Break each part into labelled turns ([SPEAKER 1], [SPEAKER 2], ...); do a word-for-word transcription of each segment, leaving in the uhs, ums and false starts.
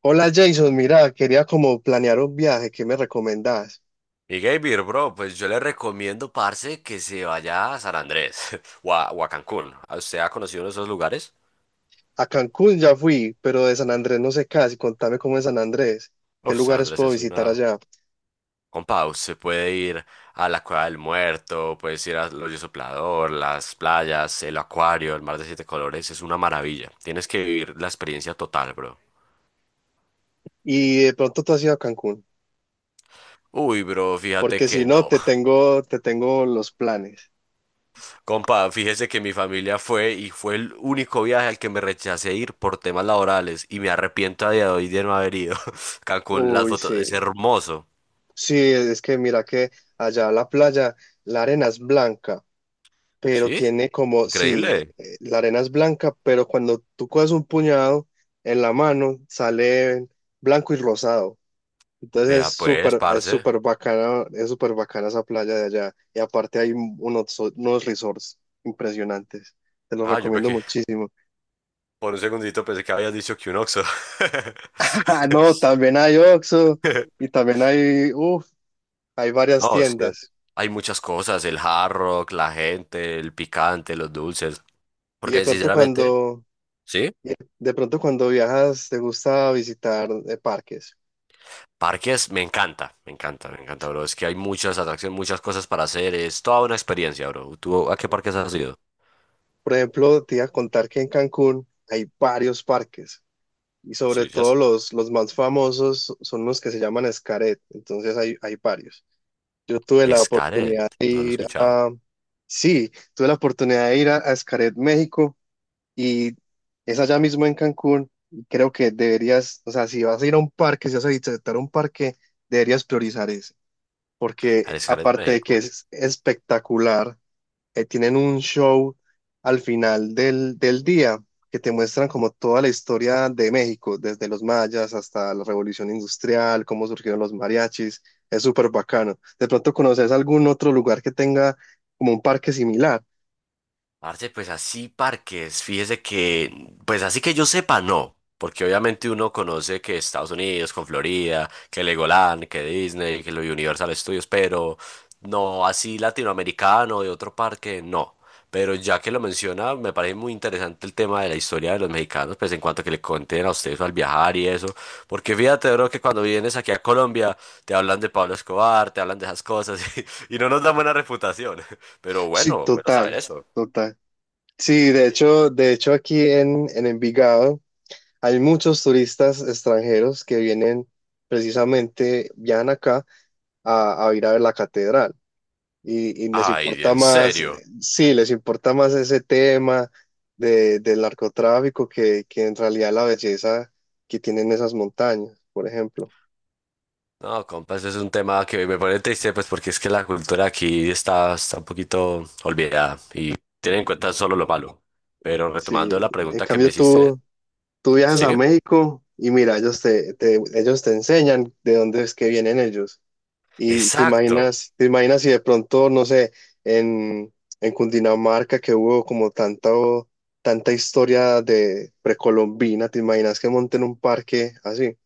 [SPEAKER 1] Hola Jason, mira, quería como planear un viaje, ¿qué me recomendás?
[SPEAKER 2] Y Gabriel, bro, pues yo le recomiendo, parce, que se vaya a San Andrés o a, o a Cancún. ¿A ¿Usted ha conocido uno de esos lugares?
[SPEAKER 1] A Cancún ya fui, pero de San Andrés no sé casi, contame cómo es San Andrés, qué
[SPEAKER 2] Uf, San
[SPEAKER 1] lugares
[SPEAKER 2] Andrés
[SPEAKER 1] puedo
[SPEAKER 2] es
[SPEAKER 1] visitar
[SPEAKER 2] una...
[SPEAKER 1] allá.
[SPEAKER 2] Compa, usted puede ir a la Cueva del Muerto, puedes ir al Hoyo Soplador, las playas, el acuario, el mar de siete colores, es una maravilla. Tienes que vivir la experiencia total, bro.
[SPEAKER 1] Y de pronto tú has ido a Cancún,
[SPEAKER 2] Uy, bro, fíjate
[SPEAKER 1] porque si
[SPEAKER 2] que
[SPEAKER 1] no,
[SPEAKER 2] no.
[SPEAKER 1] te tengo, te tengo los planes.
[SPEAKER 2] Compa, fíjese que mi familia fue y fue el único viaje al que me rechacé ir por temas laborales y me arrepiento a día de hoy de no haber ido. Cancún, las
[SPEAKER 1] Uy,
[SPEAKER 2] fotos,
[SPEAKER 1] sí,
[SPEAKER 2] es hermoso.
[SPEAKER 1] sí, es que mira que allá la playa, la arena es blanca, pero
[SPEAKER 2] ¿Sí?
[SPEAKER 1] tiene como, sí,
[SPEAKER 2] Increíble.
[SPEAKER 1] eh, la arena es blanca, pero cuando tú coges un puñado en la mano, sale blanco y rosado. Entonces es
[SPEAKER 2] Vea pues,
[SPEAKER 1] súper, es
[SPEAKER 2] parce.
[SPEAKER 1] súper bacana, es súper bacana esa playa de allá. Y aparte hay unos, unos resorts impresionantes. Te los
[SPEAKER 2] Ah, yo
[SPEAKER 1] recomiendo
[SPEAKER 2] pequé.
[SPEAKER 1] muchísimo.
[SPEAKER 2] Por un segundito pensé que habías dicho que un Oxxo.
[SPEAKER 1] Ah, no, también hay Oxxo y también hay, uf, hay varias
[SPEAKER 2] No, es que
[SPEAKER 1] tiendas.
[SPEAKER 2] hay muchas cosas, el Hard Rock, la gente, el picante, los dulces.
[SPEAKER 1] Y de
[SPEAKER 2] Porque
[SPEAKER 1] pronto
[SPEAKER 2] sinceramente,
[SPEAKER 1] cuando,
[SPEAKER 2] ¿sí?
[SPEAKER 1] y de pronto cuando viajas, te gusta visitar eh, parques.
[SPEAKER 2] Parques, me encanta, me encanta, me encanta, bro. Es que hay muchas atracciones, muchas cosas para hacer. Es toda una experiencia, bro. ¿Tú a qué parques has ido?
[SPEAKER 1] Por ejemplo, te iba a contar que en Cancún hay varios parques. Y sobre
[SPEAKER 2] Sí, ya
[SPEAKER 1] todo
[SPEAKER 2] sé.
[SPEAKER 1] los, los más famosos son los que se llaman Xcaret. Entonces hay, hay varios. Yo tuve la oportunidad
[SPEAKER 2] Xcaret,
[SPEAKER 1] de
[SPEAKER 2] no lo he
[SPEAKER 1] ir
[SPEAKER 2] escuchado.
[SPEAKER 1] a, Sí, tuve la oportunidad de ir a, a Xcaret, México, y es allá mismo en Cancún. Y creo que deberías, o sea, si vas a ir a un parque, si vas a visitar un parque, deberías priorizar ese, porque
[SPEAKER 2] Al Xcaret,
[SPEAKER 1] aparte de que
[SPEAKER 2] México.
[SPEAKER 1] es espectacular, eh, tienen un show al final del, del día que te muestran como toda la historia de México, desde los mayas hasta la revolución industrial, cómo surgieron los mariachis. Es súper bacano. De pronto conoces algún otro lugar que tenga como un parque similar.
[SPEAKER 2] Parce, pues así parques, fíjese que, pues así que yo sepa, no, porque obviamente uno conoce que Estados Unidos con Florida, que Legoland, que Disney, que lo Universal Studios, pero no así latinoamericano de otro parque, no. Pero ya que lo menciona, me parece muy interesante el tema de la historia de los mexicanos, pues en cuanto a que le conten a ustedes al viajar y eso, porque fíjate, bro, que cuando vienes aquí a Colombia te hablan de Pablo Escobar, te hablan de esas cosas y, y no nos dan buena reputación. Pero
[SPEAKER 1] Sí,
[SPEAKER 2] bueno, bueno saber
[SPEAKER 1] total,
[SPEAKER 2] eso.
[SPEAKER 1] total. Sí, de hecho, de hecho aquí en, en Envigado hay muchos turistas extranjeros que vienen precisamente, viajan acá a, a ir a ver la catedral. Y, y les
[SPEAKER 2] Ay,
[SPEAKER 1] importa
[SPEAKER 2] en
[SPEAKER 1] más,
[SPEAKER 2] serio.
[SPEAKER 1] eh, sí, les importa más ese tema de, del narcotráfico que, que en realidad la belleza que tienen esas montañas, por ejemplo.
[SPEAKER 2] No, compas, es un tema que me pone triste, pues porque es que la cultura aquí está, está un poquito olvidada y tiene en cuenta solo lo malo. Pero
[SPEAKER 1] Sí,
[SPEAKER 2] retomando la
[SPEAKER 1] en
[SPEAKER 2] pregunta que me
[SPEAKER 1] cambio
[SPEAKER 2] hiciste,
[SPEAKER 1] tú, tú viajas
[SPEAKER 2] sí,
[SPEAKER 1] a México y mira, ellos te, te- ellos te enseñan de dónde es que vienen ellos. Y te
[SPEAKER 2] exacto.
[SPEAKER 1] imaginas, te imaginas si de pronto, no sé, en, en Cundinamarca que hubo como tanto, tanta historia de precolombina, te imaginas que monten un parque así.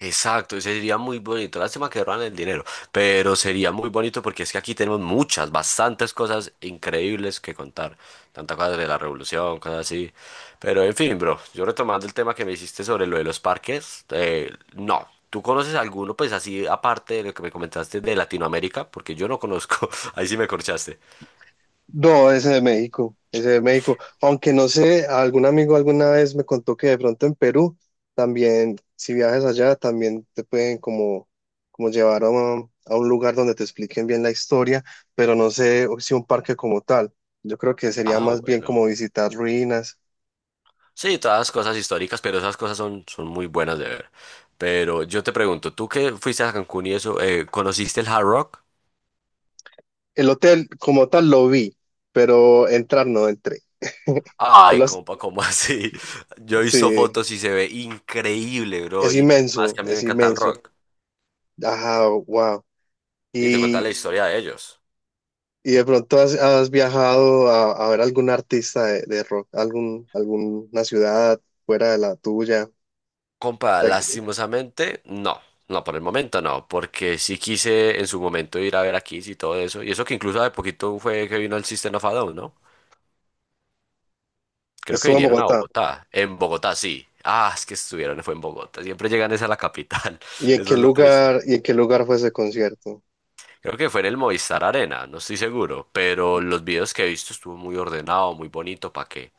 [SPEAKER 2] Exacto, ese sería muy bonito. Lástima que roban el dinero, pero sería muy bonito porque es que aquí tenemos muchas, bastantes cosas increíbles que contar. Tantas cosas de la revolución, cosas así. Pero en fin, bro, yo retomando el tema que me hiciste sobre lo de los parques, eh, no. ¿Tú conoces alguno, pues así, aparte de lo que me comentaste de Latinoamérica? Porque yo no conozco. Ahí sí me corchaste.
[SPEAKER 1] No, ese de México, ese de México. Aunque no sé, algún amigo alguna vez me contó que de pronto en Perú también, si viajas allá, también te pueden como, como llevar a un, a un lugar donde te expliquen bien la historia, pero no sé si un parque como tal. Yo creo que sería
[SPEAKER 2] Ah,
[SPEAKER 1] más bien como
[SPEAKER 2] bueno.
[SPEAKER 1] visitar ruinas.
[SPEAKER 2] Sí, todas cosas históricas, pero esas cosas son, son muy buenas de ver. Pero yo te pregunto, tú que fuiste a Cancún y eso, eh, ¿conociste el Hard Rock?
[SPEAKER 1] El hotel como tal lo vi, pero entrar no entré. Tú
[SPEAKER 2] Ay,
[SPEAKER 1] lo has-
[SPEAKER 2] compa, ¿cómo así? Yo he visto
[SPEAKER 1] sí,
[SPEAKER 2] fotos y se ve increíble, bro.
[SPEAKER 1] es
[SPEAKER 2] Y más
[SPEAKER 1] inmenso,
[SPEAKER 2] que a mí me
[SPEAKER 1] es
[SPEAKER 2] encanta el
[SPEAKER 1] inmenso.
[SPEAKER 2] rock.
[SPEAKER 1] Ajá, wow.
[SPEAKER 2] Y te cuenta
[SPEAKER 1] Y
[SPEAKER 2] la historia de ellos.
[SPEAKER 1] ¿Y de pronto has, has viajado a, a ver algún artista de, de rock, algún, alguna ciudad fuera de la tuya?
[SPEAKER 2] Compa,
[SPEAKER 1] La-
[SPEAKER 2] lastimosamente, no. No, por el momento no, porque sí quise en su momento ir a ver a Kiss y todo eso. Y eso que incluso de poquito fue que vino el System of a Down, ¿no? Creo que
[SPEAKER 1] Estuvo en
[SPEAKER 2] vinieron a
[SPEAKER 1] Bogotá.
[SPEAKER 2] Bogotá. En Bogotá, sí. Ah, es que estuvieron, fue en Bogotá. Siempre llegan es a la capital.
[SPEAKER 1] ¿Y en
[SPEAKER 2] Eso
[SPEAKER 1] qué
[SPEAKER 2] es lo triste.
[SPEAKER 1] lugar, y en qué lugar fue ese concierto?
[SPEAKER 2] Creo que fue en el Movistar Arena, no estoy seguro. Pero los videos que he visto estuvo muy ordenado, muy bonito. ¿Para qué?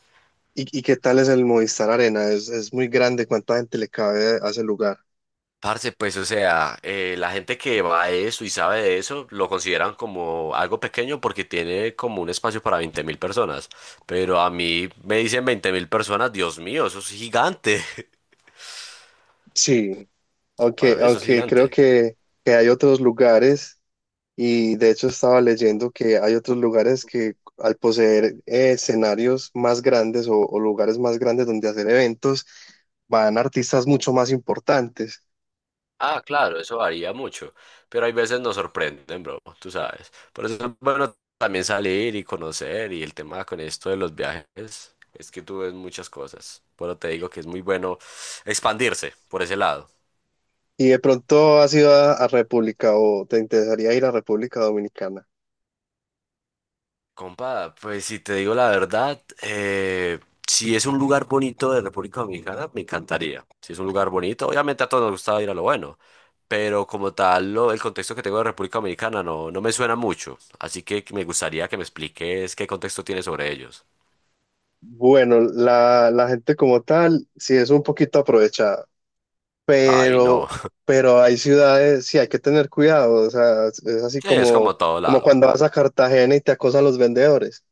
[SPEAKER 1] ¿Y, y qué tal es el Movistar Arena? Es, es muy grande, ¿cuánta gente le cabe a ese lugar?
[SPEAKER 2] Parce, pues, o sea, eh, la gente que va a eso y sabe de eso lo consideran como algo pequeño porque tiene como un espacio para veinte mil personas. Pero a mí me dicen veinte mil personas, Dios mío, eso es gigante.
[SPEAKER 1] Sí,
[SPEAKER 2] Para
[SPEAKER 1] aunque,
[SPEAKER 2] mí eso es
[SPEAKER 1] aunque creo
[SPEAKER 2] gigante.
[SPEAKER 1] que, que hay otros lugares. Y de hecho estaba leyendo que hay otros lugares que al poseer eh, escenarios más grandes o, o lugares más grandes donde hacer eventos, van artistas mucho más importantes.
[SPEAKER 2] Ah, claro, eso varía mucho, pero hay veces nos sorprenden, bro, tú sabes. Por eso es bueno también salir y conocer y el tema con esto de los viajes es que tú ves muchas cosas. Pero te digo que es muy bueno expandirse por ese lado.
[SPEAKER 1] Y de pronto has ido a, a República o te interesaría ir a República Dominicana.
[SPEAKER 2] Compa, pues si te digo la verdad, eh, si es un lugar bonito de República Dominicana, me encantaría. Si es un lugar bonito, obviamente a todos nos gusta ir a lo bueno, pero como tal, lo- el contexto que tengo de República Dominicana no, no me suena mucho, así que me gustaría que me expliques qué contexto tiene sobre ellos.
[SPEAKER 1] Bueno, la, la gente como tal sí es un poquito aprovechada,
[SPEAKER 2] Ay,
[SPEAKER 1] pero,
[SPEAKER 2] no.
[SPEAKER 1] pero hay ciudades, sí hay que tener cuidado. O sea, es así
[SPEAKER 2] Sí, es
[SPEAKER 1] como,
[SPEAKER 2] como todo
[SPEAKER 1] como
[SPEAKER 2] lado.
[SPEAKER 1] cuando vas a Cartagena y te acosan los vendedores.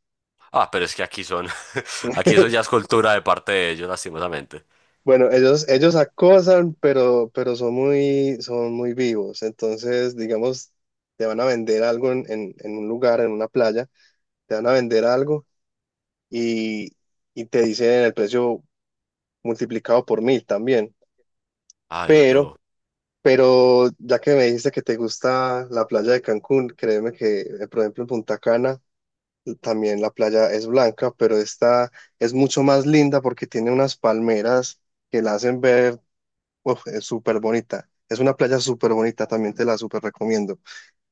[SPEAKER 2] Ah, pero es que aquí son, aquí eso ya es cultura de parte de ellos, lastimosamente.
[SPEAKER 1] Bueno, ellos, ellos acosan, pero, pero son muy, son muy vivos. Entonces, digamos, te van a vender algo en, en- en un lugar, en una playa, te van a vender algo y, y te dicen el precio multiplicado por mil también.
[SPEAKER 2] Ay,
[SPEAKER 1] Pero,
[SPEAKER 2] no.
[SPEAKER 1] pero ya que me dijiste que te gusta la playa de Cancún, créeme que, eh, por ejemplo, en Punta Cana también la playa es blanca, pero esta es mucho más linda porque tiene unas palmeras que la hacen ver. Uf, es súper bonita. Es una playa súper bonita, también te la súper recomiendo.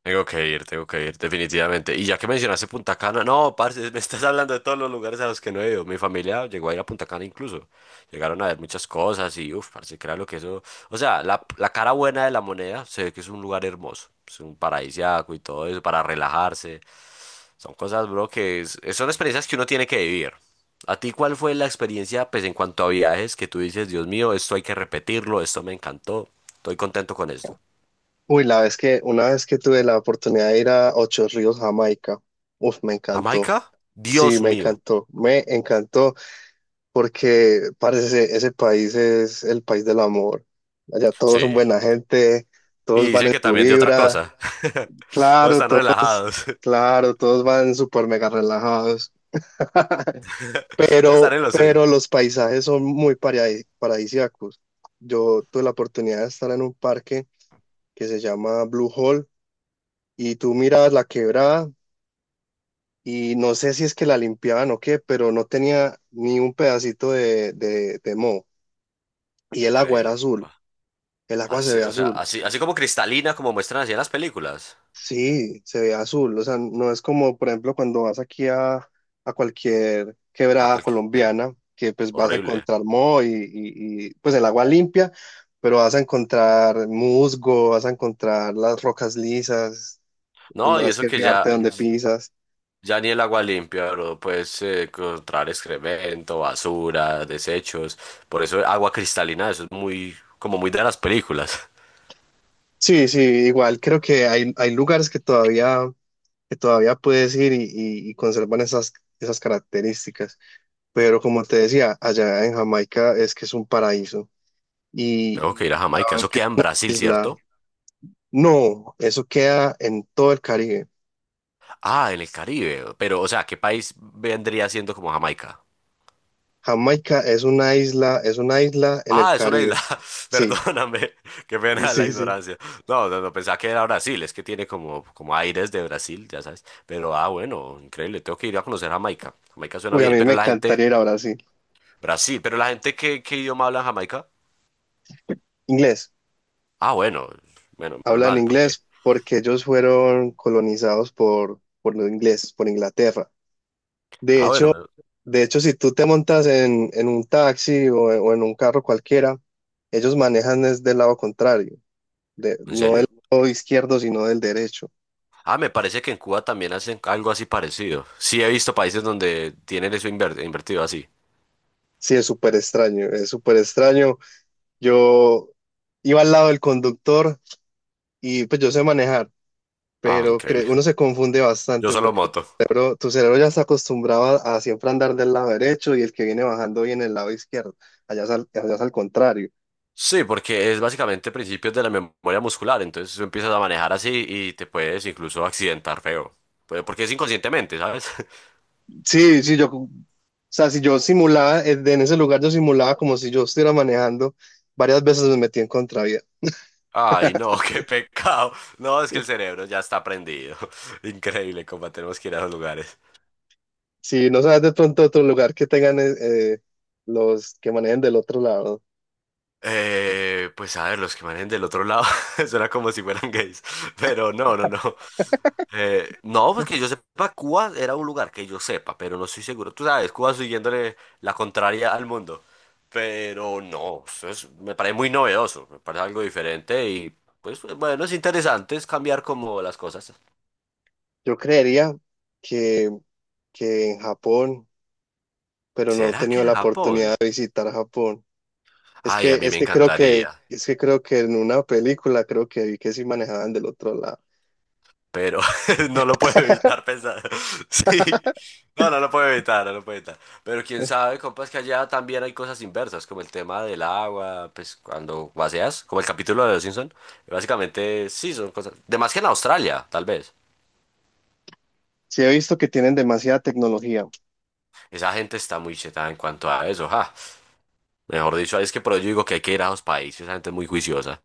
[SPEAKER 2] Tengo que ir, tengo que ir, definitivamente. Y ya que mencionaste Punta Cana, no, parce, me estás hablando de todos los lugares a los que no he ido. Mi familia llegó a ir a Punta Cana incluso. Llegaron a ver muchas cosas y, uff, parce, lo que eso. O sea, la, la cara buena de la moneda se ve que es un lugar hermoso. Es un paradisiaco y todo eso para relajarse. Son cosas, bro, que es- son experiencias que uno tiene que vivir. ¿A ti cuál fue la experiencia, pues, en cuanto a viajes que tú dices, Dios mío, esto hay que repetirlo, esto me encantó, estoy contento con esto?
[SPEAKER 1] Uy, la vez que, una vez que tuve la oportunidad de ir a Ocho Ríos, Jamaica, uf, me encantó.
[SPEAKER 2] ¿Jamaica?
[SPEAKER 1] Sí,
[SPEAKER 2] Dios
[SPEAKER 1] me
[SPEAKER 2] mío.
[SPEAKER 1] encantó, me encantó, porque parece ese país es el país del amor. Allá todos son
[SPEAKER 2] Sí.
[SPEAKER 1] buena gente, todos
[SPEAKER 2] Y
[SPEAKER 1] van
[SPEAKER 2] dicen
[SPEAKER 1] en
[SPEAKER 2] que
[SPEAKER 1] su
[SPEAKER 2] también de otra
[SPEAKER 1] vibra,
[SPEAKER 2] cosa. No
[SPEAKER 1] claro,
[SPEAKER 2] están
[SPEAKER 1] to-
[SPEAKER 2] relajados.
[SPEAKER 1] claro, todos van súper mega relajados,
[SPEAKER 2] No están
[SPEAKER 1] pero,
[SPEAKER 2] en lo suyo.
[SPEAKER 1] pero los paisajes son muy paradis- paradisíacos. Yo tuve la oportunidad de estar en un parque que se llama Blue Hole y tú mirabas la quebrada y no sé si es que la limpiaban o qué, pero no tenía ni un pedacito de, de, de moho y el agua era
[SPEAKER 2] Increíble,
[SPEAKER 1] azul,
[SPEAKER 2] compa.
[SPEAKER 1] el agua se
[SPEAKER 2] Parce,
[SPEAKER 1] ve
[SPEAKER 2] o sea,
[SPEAKER 1] azul,
[SPEAKER 2] así, así como cristalina, como muestran así en las películas.
[SPEAKER 1] sí, se ve azul, o sea, no es como por ejemplo cuando vas aquí a, a cualquier
[SPEAKER 2] A
[SPEAKER 1] quebrada
[SPEAKER 2] cualquier.
[SPEAKER 1] colombiana que pues vas a
[SPEAKER 2] Horrible.
[SPEAKER 1] encontrar moho y, y y, pues el agua limpia. Pero vas a encontrar musgo, vas a encontrar las rocas lisas,
[SPEAKER 2] No, y
[SPEAKER 1] tendrás
[SPEAKER 2] eso
[SPEAKER 1] que
[SPEAKER 2] que ya,
[SPEAKER 1] fijarte dónde pisas.
[SPEAKER 2] ya ni el agua limpia, bro. Puedes eh, encontrar excremento, basura, desechos. Por eso agua cristalina, eso es muy, como muy de las películas.
[SPEAKER 1] Sí, sí, igual creo que hay, hay lugares que todavía, que todavía puedes ir y, y- y conservan esas, esas características.
[SPEAKER 2] Te-
[SPEAKER 1] Pero como te decía, allá en Jamaica es que es un paraíso. Y
[SPEAKER 2] Tengo que ir a Jamaica.
[SPEAKER 1] a ver
[SPEAKER 2] Eso
[SPEAKER 1] qué
[SPEAKER 2] queda en Brasil,
[SPEAKER 1] isla.
[SPEAKER 2] ¿cierto?
[SPEAKER 1] No, eso queda en todo el Caribe.
[SPEAKER 2] Ah, en el Caribe. Pero, o sea, ¿qué país vendría siendo como Jamaica?
[SPEAKER 1] Jamaica es una isla, es una isla en el
[SPEAKER 2] Ah, es una isla.
[SPEAKER 1] Caribe. Sí,
[SPEAKER 2] Perdóname, qué pena la
[SPEAKER 1] sí, sí.
[SPEAKER 2] ignorancia. No, no, no, pensaba que era Brasil, es que tiene como, como aires de Brasil, ya sabes. Pero ah, bueno, increíble, tengo que ir a conocer Jamaica. Jamaica suena
[SPEAKER 1] Uy, a
[SPEAKER 2] bien,
[SPEAKER 1] mí
[SPEAKER 2] pero
[SPEAKER 1] me
[SPEAKER 2] la gente,
[SPEAKER 1] encantaría ir a Brasil.
[SPEAKER 2] Brasil, pero la gente, ¿qué, qué idioma habla en Jamaica?
[SPEAKER 1] Inglés,
[SPEAKER 2] Ah, bueno, bueno, menos
[SPEAKER 1] hablan
[SPEAKER 2] mal, porque.
[SPEAKER 1] inglés porque ellos fueron colonizados por, por los ingleses, por Inglaterra. De
[SPEAKER 2] Ah, bueno,
[SPEAKER 1] hecho,
[SPEAKER 2] me-
[SPEAKER 1] de hecho, si tú te montas en, en un taxi o, en o en un carro cualquiera, ellos manejan es del lado contrario, de-
[SPEAKER 2] ¿en
[SPEAKER 1] no del
[SPEAKER 2] serio?
[SPEAKER 1] lado izquierdo, sino del derecho.
[SPEAKER 2] Ah, me parece que en Cuba también hacen algo así parecido. Sí, he visto países donde tienen eso inver- invertido así.
[SPEAKER 1] Sí, es súper extraño, es súper extraño. Yo iba al lado del conductor y pues yo sé manejar,
[SPEAKER 2] Ah,
[SPEAKER 1] pero
[SPEAKER 2] increíble.
[SPEAKER 1] cre- uno se confunde
[SPEAKER 2] Yo
[SPEAKER 1] bastante
[SPEAKER 2] solo
[SPEAKER 1] porque
[SPEAKER 2] moto.
[SPEAKER 1] tu cerebro, tu cerebro ya está acostumbrado a, a siempre andar del lado derecho y el que viene bajando viene del lado izquierdo. Allá es al- allá es al contrario.
[SPEAKER 2] Sí, porque es básicamente principios de la memoria muscular, entonces tú empiezas a manejar así y te puedes incluso accidentar feo. Pues, porque es inconscientemente, ¿sabes?
[SPEAKER 1] Sí, sí, yo, o sea, si yo simulaba, eh, en ese lugar yo simulaba como si yo estuviera manejando, varias veces me metí en contravía.
[SPEAKER 2] Ay, no, qué pecado. No, es que el cerebro ya está prendido. Increíble cómo tenemos que ir a esos lugares.
[SPEAKER 1] Si no sabes de pronto otro lugar que tengan eh, eh, los que manejen del otro lado,
[SPEAKER 2] Eh, pues a ver, los que manejen del otro lado, suena como si fueran gays. Pero no, no, no. Eh, no, pues que yo sepa, Cuba era un lugar que yo sepa, pero no estoy seguro. Tú sabes, Cuba siguiéndole la contraria al mundo. Pero no, eso es- me parece muy novedoso, me parece algo diferente y pues bueno, es interesante es cambiar como las cosas.
[SPEAKER 1] yo creería que, que en Japón, pero no he
[SPEAKER 2] ¿Será que
[SPEAKER 1] tenido
[SPEAKER 2] era
[SPEAKER 1] la
[SPEAKER 2] Japón?
[SPEAKER 1] oportunidad de visitar Japón. Es
[SPEAKER 2] Ay,
[SPEAKER 1] que,
[SPEAKER 2] a mí
[SPEAKER 1] es
[SPEAKER 2] me
[SPEAKER 1] que creo que,
[SPEAKER 2] encantaría,
[SPEAKER 1] es que creo que en una película creo que vi que sí manejaban del otro lado.
[SPEAKER 2] pero no lo puedo evitar pensar. Sí. No, no lo puedo evitar, no lo puedo evitar. Pero quién sabe, compas, que allá también hay cosas inversas, como el tema del agua, pues cuando vacias, como el capítulo de Los Simpson. Básicamente, sí, son cosas. De más que en Australia, tal vez.
[SPEAKER 1] Sí he visto que tienen demasiada tecnología.
[SPEAKER 2] Esa gente está muy chetada en cuanto a eso, ja. Mejor dicho, ahí es que por ello digo que hay que ir a los países, esa gente es muy juiciosa.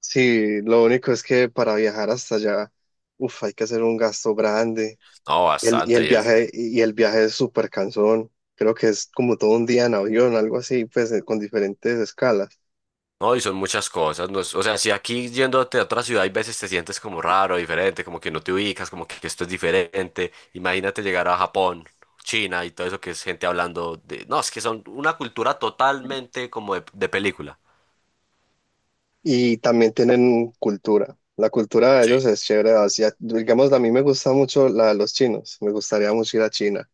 [SPEAKER 1] Sí, lo único es que para viajar hasta allá, uf, hay que hacer un gasto grande.
[SPEAKER 2] No,
[SPEAKER 1] Y el, y
[SPEAKER 2] bastante.
[SPEAKER 1] el
[SPEAKER 2] Y el,
[SPEAKER 1] viaje, y el viaje es súper cansón. Creo que es como todo un día en avión, algo así, pues eh, con diferentes escalas.
[SPEAKER 2] no, y son muchas cosas. no es- o sea, si aquí yéndote a otra ciudad, hay veces te sientes como raro, diferente, como que no te ubicas, como que esto es diferente. Imagínate llegar a Japón, China y todo eso que es gente hablando de... No, es que son una cultura totalmente como de, de película.
[SPEAKER 1] Y también tienen cultura. La cultura de
[SPEAKER 2] Sí,
[SPEAKER 1] ellos es chévere. Asia- digamos, a mí me gusta mucho la de los chinos. Me gustaría mucho ir a China.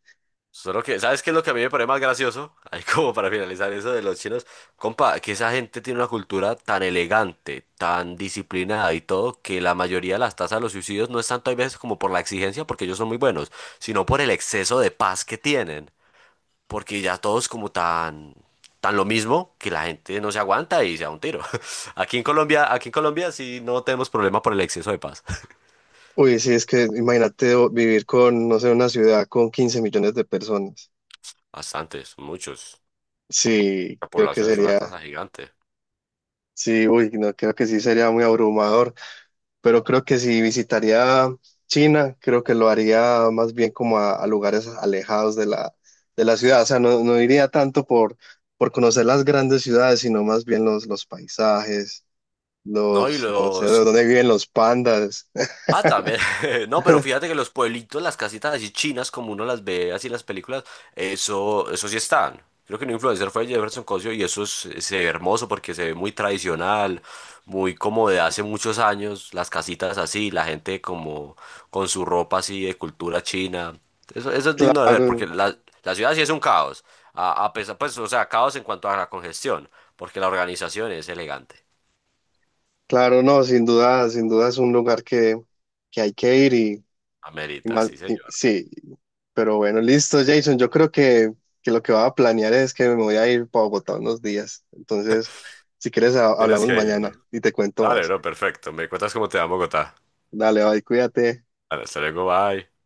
[SPEAKER 2] solo que, ¿sabes qué es lo que a mí me parece más gracioso? Ahí como para finalizar eso de los chinos, compa, que esa gente tiene una cultura tan elegante, tan disciplinada y todo, que la mayoría de las tasas de los suicidios no es tanto hay veces como por la exigencia, porque ellos son muy buenos, sino por el exceso de paz que tienen, porque ya todos como tan, tan lo mismo que la gente no se aguanta y se da un tiro. Aquí en Colombia, aquí en Colombia sí no tenemos problema por el exceso de paz.
[SPEAKER 1] Uy, sí, es que imagínate o- vivir con, no sé, una ciudad con quince millones de personas.
[SPEAKER 2] Bastantes, muchos.
[SPEAKER 1] Sí,
[SPEAKER 2] La
[SPEAKER 1] creo que
[SPEAKER 2] población es una
[SPEAKER 1] sería,
[SPEAKER 2] tasa gigante.
[SPEAKER 1] sí, uy, no, creo que sí sería muy abrumador. Pero creo que si visitaría China, creo que lo haría más bien como a, a lugares alejados de la, de la ciudad. O sea, no, no iría tanto por, por conocer las grandes ciudades, sino más bien los, los paisajes,
[SPEAKER 2] No, y
[SPEAKER 1] los, no sé, de
[SPEAKER 2] los
[SPEAKER 1] dónde viven los pandas.
[SPEAKER 2] ah, también. No, pero fíjate que los pueblitos, las casitas así chinas, como uno las ve así en las películas, eso, eso sí están. Creo que un influencer fue Jefferson Cosio y eso es, se ve hermoso porque se ve muy tradicional, muy como de hace muchos años, las casitas así, la gente como con su ropa así de cultura china. Eso, eso es digno de ver porque
[SPEAKER 1] Claro,
[SPEAKER 2] la, la ciudad sí es un caos. A, a pesar, pues, o sea, caos en cuanto a la congestión, porque la organización es elegante.
[SPEAKER 1] claro, no, sin duda, sin duda es un lugar que, que hay que ir y, y
[SPEAKER 2] Amerita,
[SPEAKER 1] más,
[SPEAKER 2] sí,
[SPEAKER 1] y-
[SPEAKER 2] señor.
[SPEAKER 1] sí. Pero bueno, listo, Jason. Yo creo que, que lo que voy a planear es que me voy a ir para Bogotá unos días. Entonces, si quieres, ha-
[SPEAKER 2] Tienes
[SPEAKER 1] hablamos
[SPEAKER 2] que ir,
[SPEAKER 1] mañana
[SPEAKER 2] bro.
[SPEAKER 1] y te cuento
[SPEAKER 2] Dale,
[SPEAKER 1] más.
[SPEAKER 2] bro, perfecto. Me cuentas cómo te va Bogotá.
[SPEAKER 1] Dale, bye, cuídate.
[SPEAKER 2] Vale, hasta luego, bye.